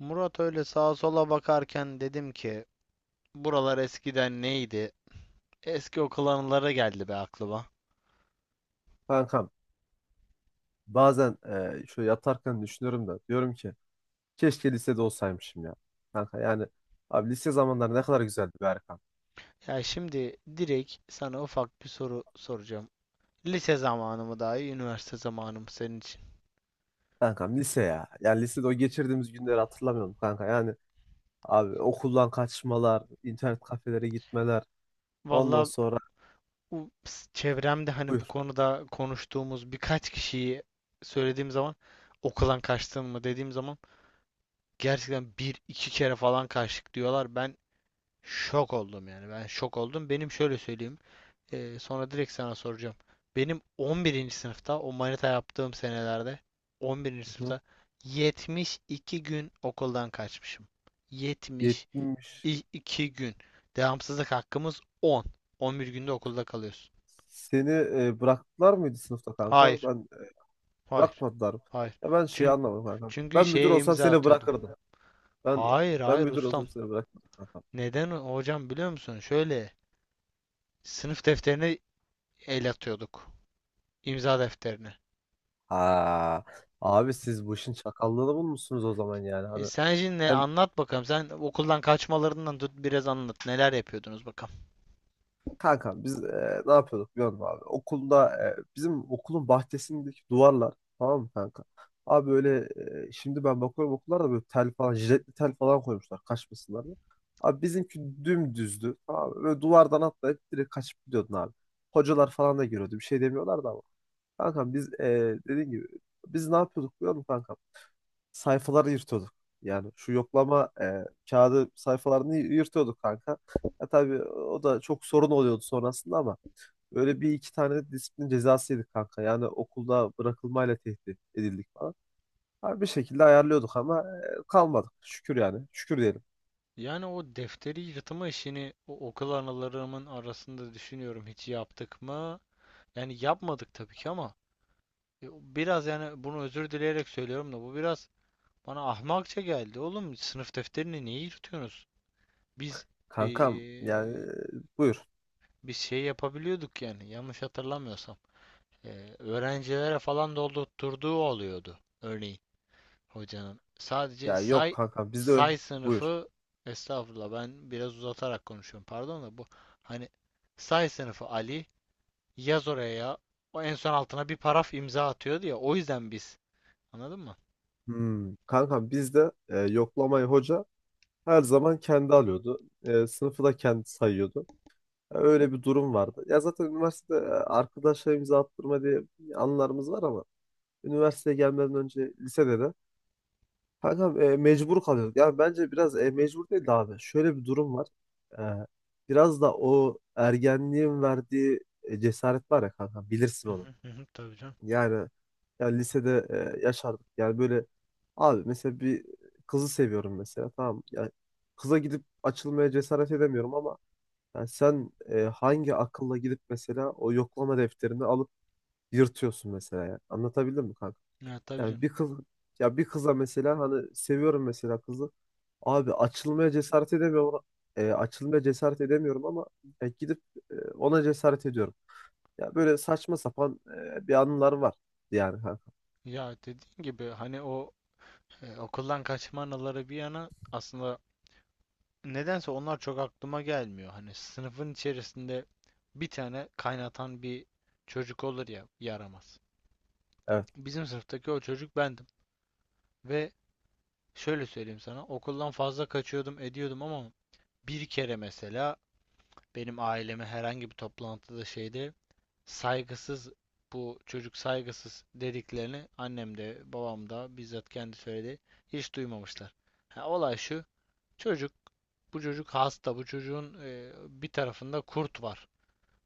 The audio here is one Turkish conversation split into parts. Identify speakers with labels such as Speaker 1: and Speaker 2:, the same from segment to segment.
Speaker 1: Murat öyle sağa sola bakarken dedim ki, buralar eskiden neydi? Eski okul anıları geldi be aklıma.
Speaker 2: Kankam bazen şöyle yatarken düşünüyorum da diyorum ki keşke lisede olsaymışım ya. Kanka yani abi lise zamanları ne kadar güzeldi be Erkan.
Speaker 1: Ya şimdi direkt sana ufak bir soru soracağım. Lise zamanı mı daha iyi, üniversite zamanı mı senin için?
Speaker 2: Kankam lise ya. Yani lisede o geçirdiğimiz günleri hatırlamıyorum kanka. Yani abi okuldan kaçmalar, internet kafelere gitmeler. Ondan
Speaker 1: Valla,
Speaker 2: sonra
Speaker 1: çevremde hani bu
Speaker 2: buyur.
Speaker 1: konuda konuştuğumuz birkaç kişiyi söylediğim zaman, okuldan kaçtın mı dediğim zaman, gerçekten bir iki kere falan kaçtık diyorlar. Ben şok oldum, yani ben şok oldum. Benim şöyle söyleyeyim. Sonra direkt sana soracağım. Benim 11. sınıfta o manita yaptığım senelerde, 11.
Speaker 2: Hı hı.
Speaker 1: sınıfta 72 gün okuldan kaçmışım.
Speaker 2: 70.
Speaker 1: 72 gün. Devamsızlık hakkımız 10. 11 günde okulda kalıyorsun.
Speaker 2: Seni bıraktılar mıydı sınıfta kanka?
Speaker 1: Hayır.
Speaker 2: Ben
Speaker 1: Hayır.
Speaker 2: bırakmadılar.
Speaker 1: Hayır.
Speaker 2: Ya ben şeyi
Speaker 1: Çünkü
Speaker 2: anlamadım kanka.
Speaker 1: çünkü
Speaker 2: Ben müdür
Speaker 1: şeye
Speaker 2: olsam
Speaker 1: imza
Speaker 2: seni
Speaker 1: atıyordum.
Speaker 2: bırakırdım. Ben
Speaker 1: Hayır,
Speaker 2: ben
Speaker 1: hayır
Speaker 2: müdür
Speaker 1: ustam.
Speaker 2: olsam seni bırakırdım, kanka.
Speaker 1: Neden hocam biliyor musun? Şöyle, sınıf defterine el atıyorduk. İmza defterine.
Speaker 2: Ha, abi siz bu işin çakallığını bulmuşsunuz o zaman yani.
Speaker 1: E,
Speaker 2: Hani
Speaker 1: sen şimdi
Speaker 2: hem
Speaker 1: anlat bakalım. Sen okuldan kaçmalarından tut biraz anlat. Neler yapıyordunuz bakalım.
Speaker 2: kanka biz ne yapıyorduk biliyor musun abi? Okulda bizim okulun bahçesindeki duvarlar, tamam mı kanka? Abi öyle, şimdi ben bakıyorum okullarda böyle tel falan, jiletli tel falan koymuşlar kaçmasınlar diye. Abi bizimki dümdüzdü. Tamam mı? Böyle duvardan atlayıp direkt kaçıp gidiyordun abi. Hocalar falan da görüyordu. Bir şey demiyorlardı ama. Kankam biz, dediğin gibi biz ne yapıyorduk biliyor musun kankam? Sayfaları yırtıyorduk. Yani şu yoklama kağıdı sayfalarını yırtıyorduk kanka. Ya tabii o da çok sorun oluyordu sonrasında ama öyle bir iki tane de disiplin cezası yedik kanka. Yani okulda bırakılmayla tehdit edildik falan. Her bir şekilde ayarlıyorduk ama kalmadık. Şükür yani. Şükür diyelim.
Speaker 1: Yani o defteri yırtma işini, o okul anılarımın arasında düşünüyorum, hiç yaptık mı? Yani yapmadık tabii ki ama e, biraz yani bunu özür dileyerek söylüyorum da bu biraz bana ahmakça geldi. Oğlum, sınıf defterini niye yırtıyorsunuz? Biz e,
Speaker 2: Kankam yani buyur.
Speaker 1: biz şey yapabiliyorduk yani, yanlış hatırlamıyorsam. E, Öğrencilere falan doldurtturduğu oluyordu örneğin, hocanın. Sadece
Speaker 2: Ya yok
Speaker 1: say
Speaker 2: kankam, bizde
Speaker 1: say
Speaker 2: buyur.
Speaker 1: sınıfı, estağfurullah ben biraz uzatarak konuşuyorum. Pardon da bu, hani, say sınıfı Ali, yaz oraya ya. O en son altına bir paraf imza atıyordu ya. O yüzden biz. Anladın mı?
Speaker 2: Hmm, kankam bizde yoklamayı hoca her zaman kendi alıyordu. Sınıfı da kendi sayıyordu. Hani öyle bir durum vardı. Ya zaten üniversitede arkadaşlarımıza attırma diye anılarımız var ama üniversiteye gelmeden önce lisede de kankam mecbur kalıyorduk. Yani bence biraz, mecbur değil de abi. Şöyle bir durum var. E, Biraz da o ergenliğin verdiği cesaret var ya kankam, bilirsin
Speaker 1: Hı
Speaker 2: onu.
Speaker 1: hı hı hı, tabii canım.
Speaker 2: Yani yani lisede yaşardık. Yani böyle abi, mesela bir kızı seviyorum mesela, tamam mı? Yani kıza gidip açılmaya cesaret edemiyorum ama yani sen hangi akılla gidip mesela o yoklama defterini alıp yırtıyorsun mesela ya. Anlatabildim mi kanka?
Speaker 1: Ya tabii
Speaker 2: Yani
Speaker 1: canım.
Speaker 2: bir kız, ya bir kıza mesela, hani seviyorum mesela kızı. Abi açılmaya cesaret edemiyorum. Açılmaya cesaret edemiyorum ama gidip ona cesaret ediyorum. Ya böyle saçma sapan bir anılar var yani kanka.
Speaker 1: Ya dediğin gibi, hani o okuldan kaçma anıları bir yana, aslında nedense onlar çok aklıma gelmiyor. Hani sınıfın içerisinde bir tane kaynatan bir çocuk olur ya, yaramaz.
Speaker 2: Evet.
Speaker 1: Bizim sınıftaki o çocuk bendim. Ve şöyle söyleyeyim sana, okuldan fazla kaçıyordum, ediyordum, ama bir kere mesela benim aileme herhangi bir toplantıda, şeyde, saygısız, bu çocuk saygısız dediklerini annem de babam da bizzat kendi söyledi. Hiç duymamışlar. Ha, olay şu. Çocuk, bu çocuk hasta. Bu çocuğun bir tarafında kurt var.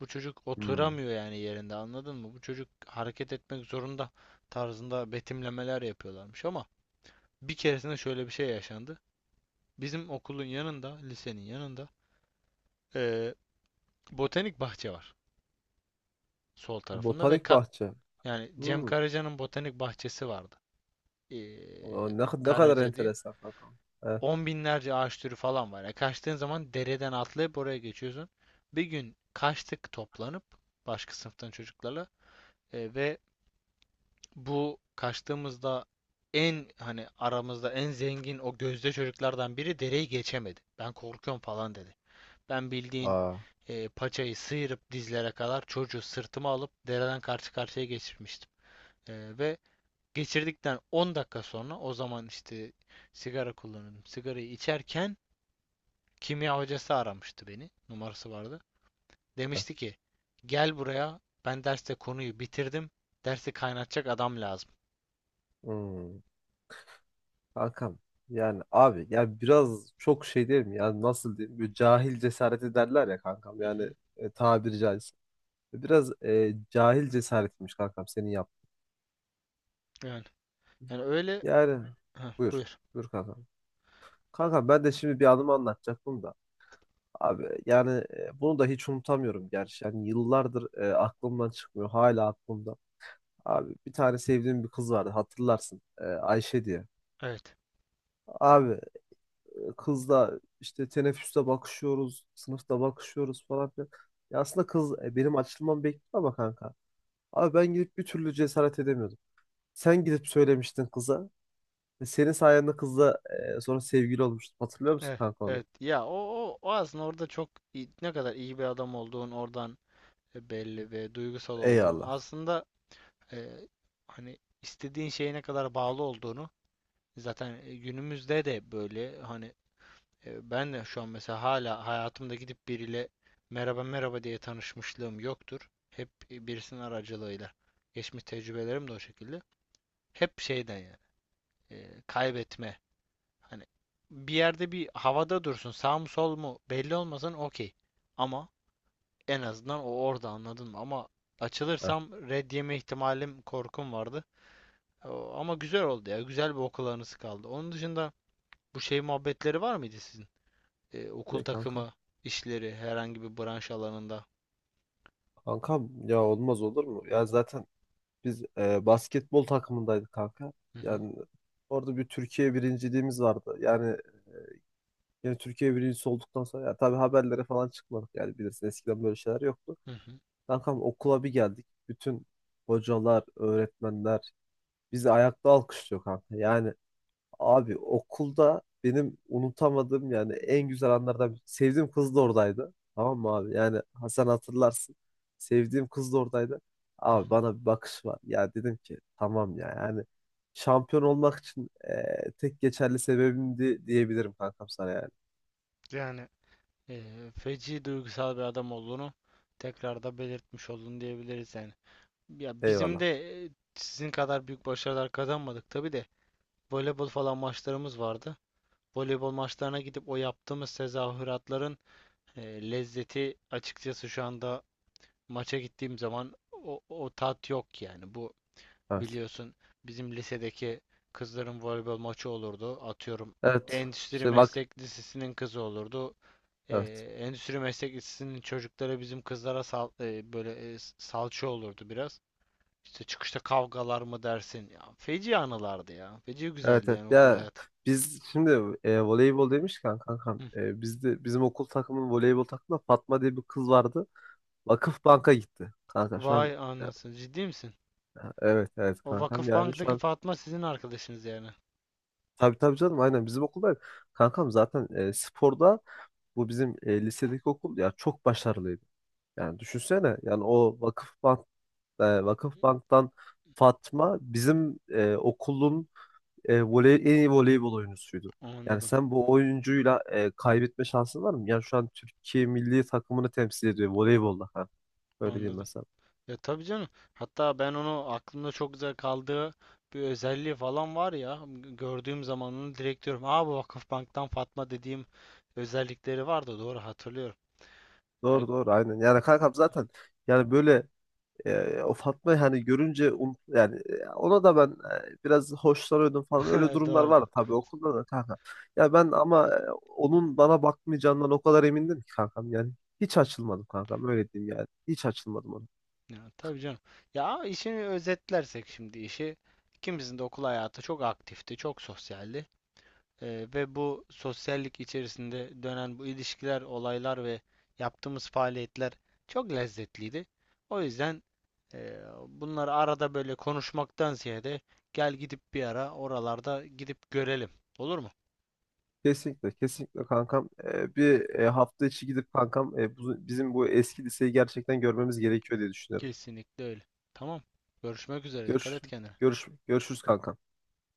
Speaker 1: Bu çocuk
Speaker 2: Hmm.
Speaker 1: oturamıyor yani yerinde, anladın mı? Bu çocuk hareket etmek zorunda tarzında betimlemeler yapıyorlarmış ama bir keresinde şöyle bir şey yaşandı. Bizim okulun yanında, lisenin yanında, eee, botanik bahçe var sol tarafında, ve
Speaker 2: Botanik bahçe.
Speaker 1: yani Cem
Speaker 2: Hmm.
Speaker 1: Karaca'nın botanik bahçesi vardı.
Speaker 2: O,
Speaker 1: Eee,
Speaker 2: ne, ne kadar
Speaker 1: Karaca diye.
Speaker 2: enteresan kanka. Evet.
Speaker 1: On binlerce ağaç türü falan var. Ya kaçtığın zaman dereden atlayıp oraya geçiyorsun. Bir gün kaçtık toplanıp başka sınıftan çocuklarla, ve bu kaçtığımızda en, hani aramızda en zengin o gözde çocuklardan biri dereyi geçemedi. Ben korkuyorum falan dedi. Ben, bildiğin,
Speaker 2: Aa.
Speaker 1: paçayı sıyırıp dizlere kadar çocuğu sırtıma alıp dereden karşı karşıya geçirmiştim. Ve geçirdikten 10 dakika sonra, o zaman işte sigara kullanıyordum. Sigarayı içerken kimya hocası aramıştı beni. Numarası vardı.
Speaker 2: Evet.
Speaker 1: Demişti ki, gel buraya, ben derste konuyu bitirdim. Dersi kaynatacak adam lazım.
Speaker 2: Hmm. Hakan, yani abi ya biraz çok şey değil mi? Yani nasıl diyeyim? Böyle cahil cesareti derler ya kankam.
Speaker 1: Hı
Speaker 2: Yani
Speaker 1: hı.
Speaker 2: tabiri caizse. Biraz cahil cesaretmiş kankam senin yaptığın.
Speaker 1: Yani, yani öyle.
Speaker 2: Yani
Speaker 1: Heh,
Speaker 2: buyur.
Speaker 1: buyur.
Speaker 2: Buyur kankam. Kankam ben de şimdi bir anımı anlatacaktım da. Abi yani bunu da hiç unutamıyorum gerçi. Yani yıllardır aklımdan çıkmıyor. Hala aklımda. Abi bir tane sevdiğim bir kız vardı, hatırlarsın. Ayşe diye.
Speaker 1: Evet.
Speaker 2: Abi kızla işte teneffüste bakışıyoruz, sınıfta bakışıyoruz falan filan. Ya aslında kız benim açılmamı bekliyor ama kanka. Abi ben gidip bir türlü cesaret edemiyordum. Sen gidip söylemiştin kıza. Ve senin sayende kızla sonra sevgili olmuştum. Hatırlıyor musun
Speaker 1: Evet.
Speaker 2: kanka onu?
Speaker 1: Evet. Ya o aslında orada, ne kadar iyi bir adam olduğun oradan belli, ve duygusal olduğun
Speaker 2: Eyvallah.
Speaker 1: aslında, e, hani istediğin şeye ne kadar bağlı olduğunu zaten, günümüzde de böyle, hani, ben de şu an mesela hala hayatımda gidip biriyle merhaba merhaba diye tanışmışlığım yoktur. Hep birisinin aracılığıyla. Geçmiş tecrübelerim de o şekilde. Hep şeyden yani, kaybetme. Hani, bir yerde bir havada dursun, sağ mı sol mu belli olmasın, okey. Ama en azından o orada, anladın mı? Ama
Speaker 2: Evet.
Speaker 1: açılırsam red yeme ihtimalim, korkum vardı. O- ama güzel oldu ya. Güzel bir okul anısı kaldı. Onun dışında bu şey muhabbetleri var mıydı sizin? Okul
Speaker 2: Ne kanka?
Speaker 1: takımı işleri, herhangi bir branş alanında.
Speaker 2: Kankam ya olmaz olur mu? Ya zaten biz basketbol takımındaydık kanka.
Speaker 1: Hı hı,
Speaker 2: Yani orada bir Türkiye birinciliğimiz vardı. Yani, yani Türkiye birincisi olduktan sonra ya tabii haberlere falan çıkmadık yani, bilirsin eskiden böyle şeyler yoktu.
Speaker 1: hı hı,
Speaker 2: Kankam okula bir geldik. Bütün hocalar, öğretmenler bizi ayakta alkışlıyor kanka. Yani abi okulda benim unutamadığım yani en güzel anlardan sevdiğim kız da oradaydı. Tamam mı abi? Yani Hasan, hatırlarsın. Sevdiğim kız da oradaydı.
Speaker 1: hı
Speaker 2: Abi
Speaker 1: hı.
Speaker 2: bana bir bakış var. Ya dedim ki tamam ya, yani şampiyon olmak için tek geçerli sebebimdi diyebilirim kankam sana yani.
Speaker 1: Yani feci duygusal bir adam olduğunu tekrar da belirtmiş oldun diyebiliriz yani. Ya bizim
Speaker 2: Eyvallah.
Speaker 1: de sizin kadar büyük başarılar kazanmadık tabii de, voleybol falan maçlarımız vardı. Voleybol maçlarına gidip o yaptığımız tezahüratların lezzeti, açıkçası şu anda maça gittiğim zaman o tat yok yani. Bu,
Speaker 2: Evet.
Speaker 1: biliyorsun, bizim lisedeki kızların voleybol maçı olurdu. Atıyorum,
Speaker 2: Evet.
Speaker 1: Endüstri
Speaker 2: Şey bak.
Speaker 1: Meslek Lisesi'nin kızı olurdu. E,
Speaker 2: Evet.
Speaker 1: Endüstri Meslek Lisesi'nin çocukları bizim kızlara böyle salça olurdu biraz. İşte çıkışta kavgalar mı dersin? Ya, feci anılardı ya. Feci
Speaker 2: Evet,
Speaker 1: güzeldi
Speaker 2: evet.
Speaker 1: yani okul
Speaker 2: Ya
Speaker 1: hayatı.
Speaker 2: biz şimdi voleybol demişken kankam,
Speaker 1: Hı.
Speaker 2: bizde bizim okul takımının voleybol takımında Fatma diye bir kız vardı. Vakıf Bank'a gitti. Kanka şu an
Speaker 1: Vay
Speaker 2: e,
Speaker 1: anasını. Ciddi misin?
Speaker 2: evet, evet
Speaker 1: O
Speaker 2: kankam, yani şu
Speaker 1: Vakıfbank'taki
Speaker 2: an,
Speaker 1: Fatma sizin arkadaşınız yani.
Speaker 2: tabii tabii canım, aynen bizim okulda kankam zaten sporda bu bizim lisedeki okul ya çok başarılıydı. Yani düşünsene yani o Vakıf Bank, Vakıf Bank'tan Fatma bizim okulun en iyi voleybol oyuncusuydu. Yani
Speaker 1: Anladım,
Speaker 2: sen bu oyuncuyla kaybetme şansın var mı? Yani şu an Türkiye milli takımını temsil ediyor voleybolda. Ha. Öyle diyeyim
Speaker 1: anladım.
Speaker 2: mesela.
Speaker 1: Ya tabii canım. Hatta ben onu aklımda çok güzel kaldığı bir özelliği falan var ya. Gördüğüm zaman onu direkt diyorum. Aa, bu Vakıfbank'tan Fatma dediğim özellikleri vardı. Doğru hatırlıyorum. Ya
Speaker 2: Doğru, doğru, aynen. Yani kankam zaten yani böyle o Fatma'yı hani görünce yani ona da ben biraz hoşlanıyordum falan, öyle durumlar var
Speaker 1: doğrudu.
Speaker 2: tabii okulda da kanka. Ya ben ama onun bana bakmayacağından o kadar emindim ki kankam yani hiç açılmadım kankam, öyle diyeyim yani. Hiç açılmadım.
Speaker 1: Ya tabii canım. Ya işini özetlersek şimdi, işi, ikimizin de okul hayatı çok aktifti, çok sosyaldi. Ve bu sosyallik içerisinde dönen bu ilişkiler, olaylar ve yaptığımız faaliyetler çok lezzetliydi. O yüzden e, bunları arada böyle konuşmaktan ziyade, gel gidip bir ara oralarda gidip görelim. Olur mu?
Speaker 2: Kesinlikle, kesinlikle kankam. Bir hafta içi gidip kankam, bizim bu eski liseyi gerçekten görmemiz gerekiyor diye düşünüyorum.
Speaker 1: Kesinlikle öyle. Tamam. Görüşmek üzere. Dikkat
Speaker 2: Görüş,
Speaker 1: et kendine.
Speaker 2: görüşürüz kankam.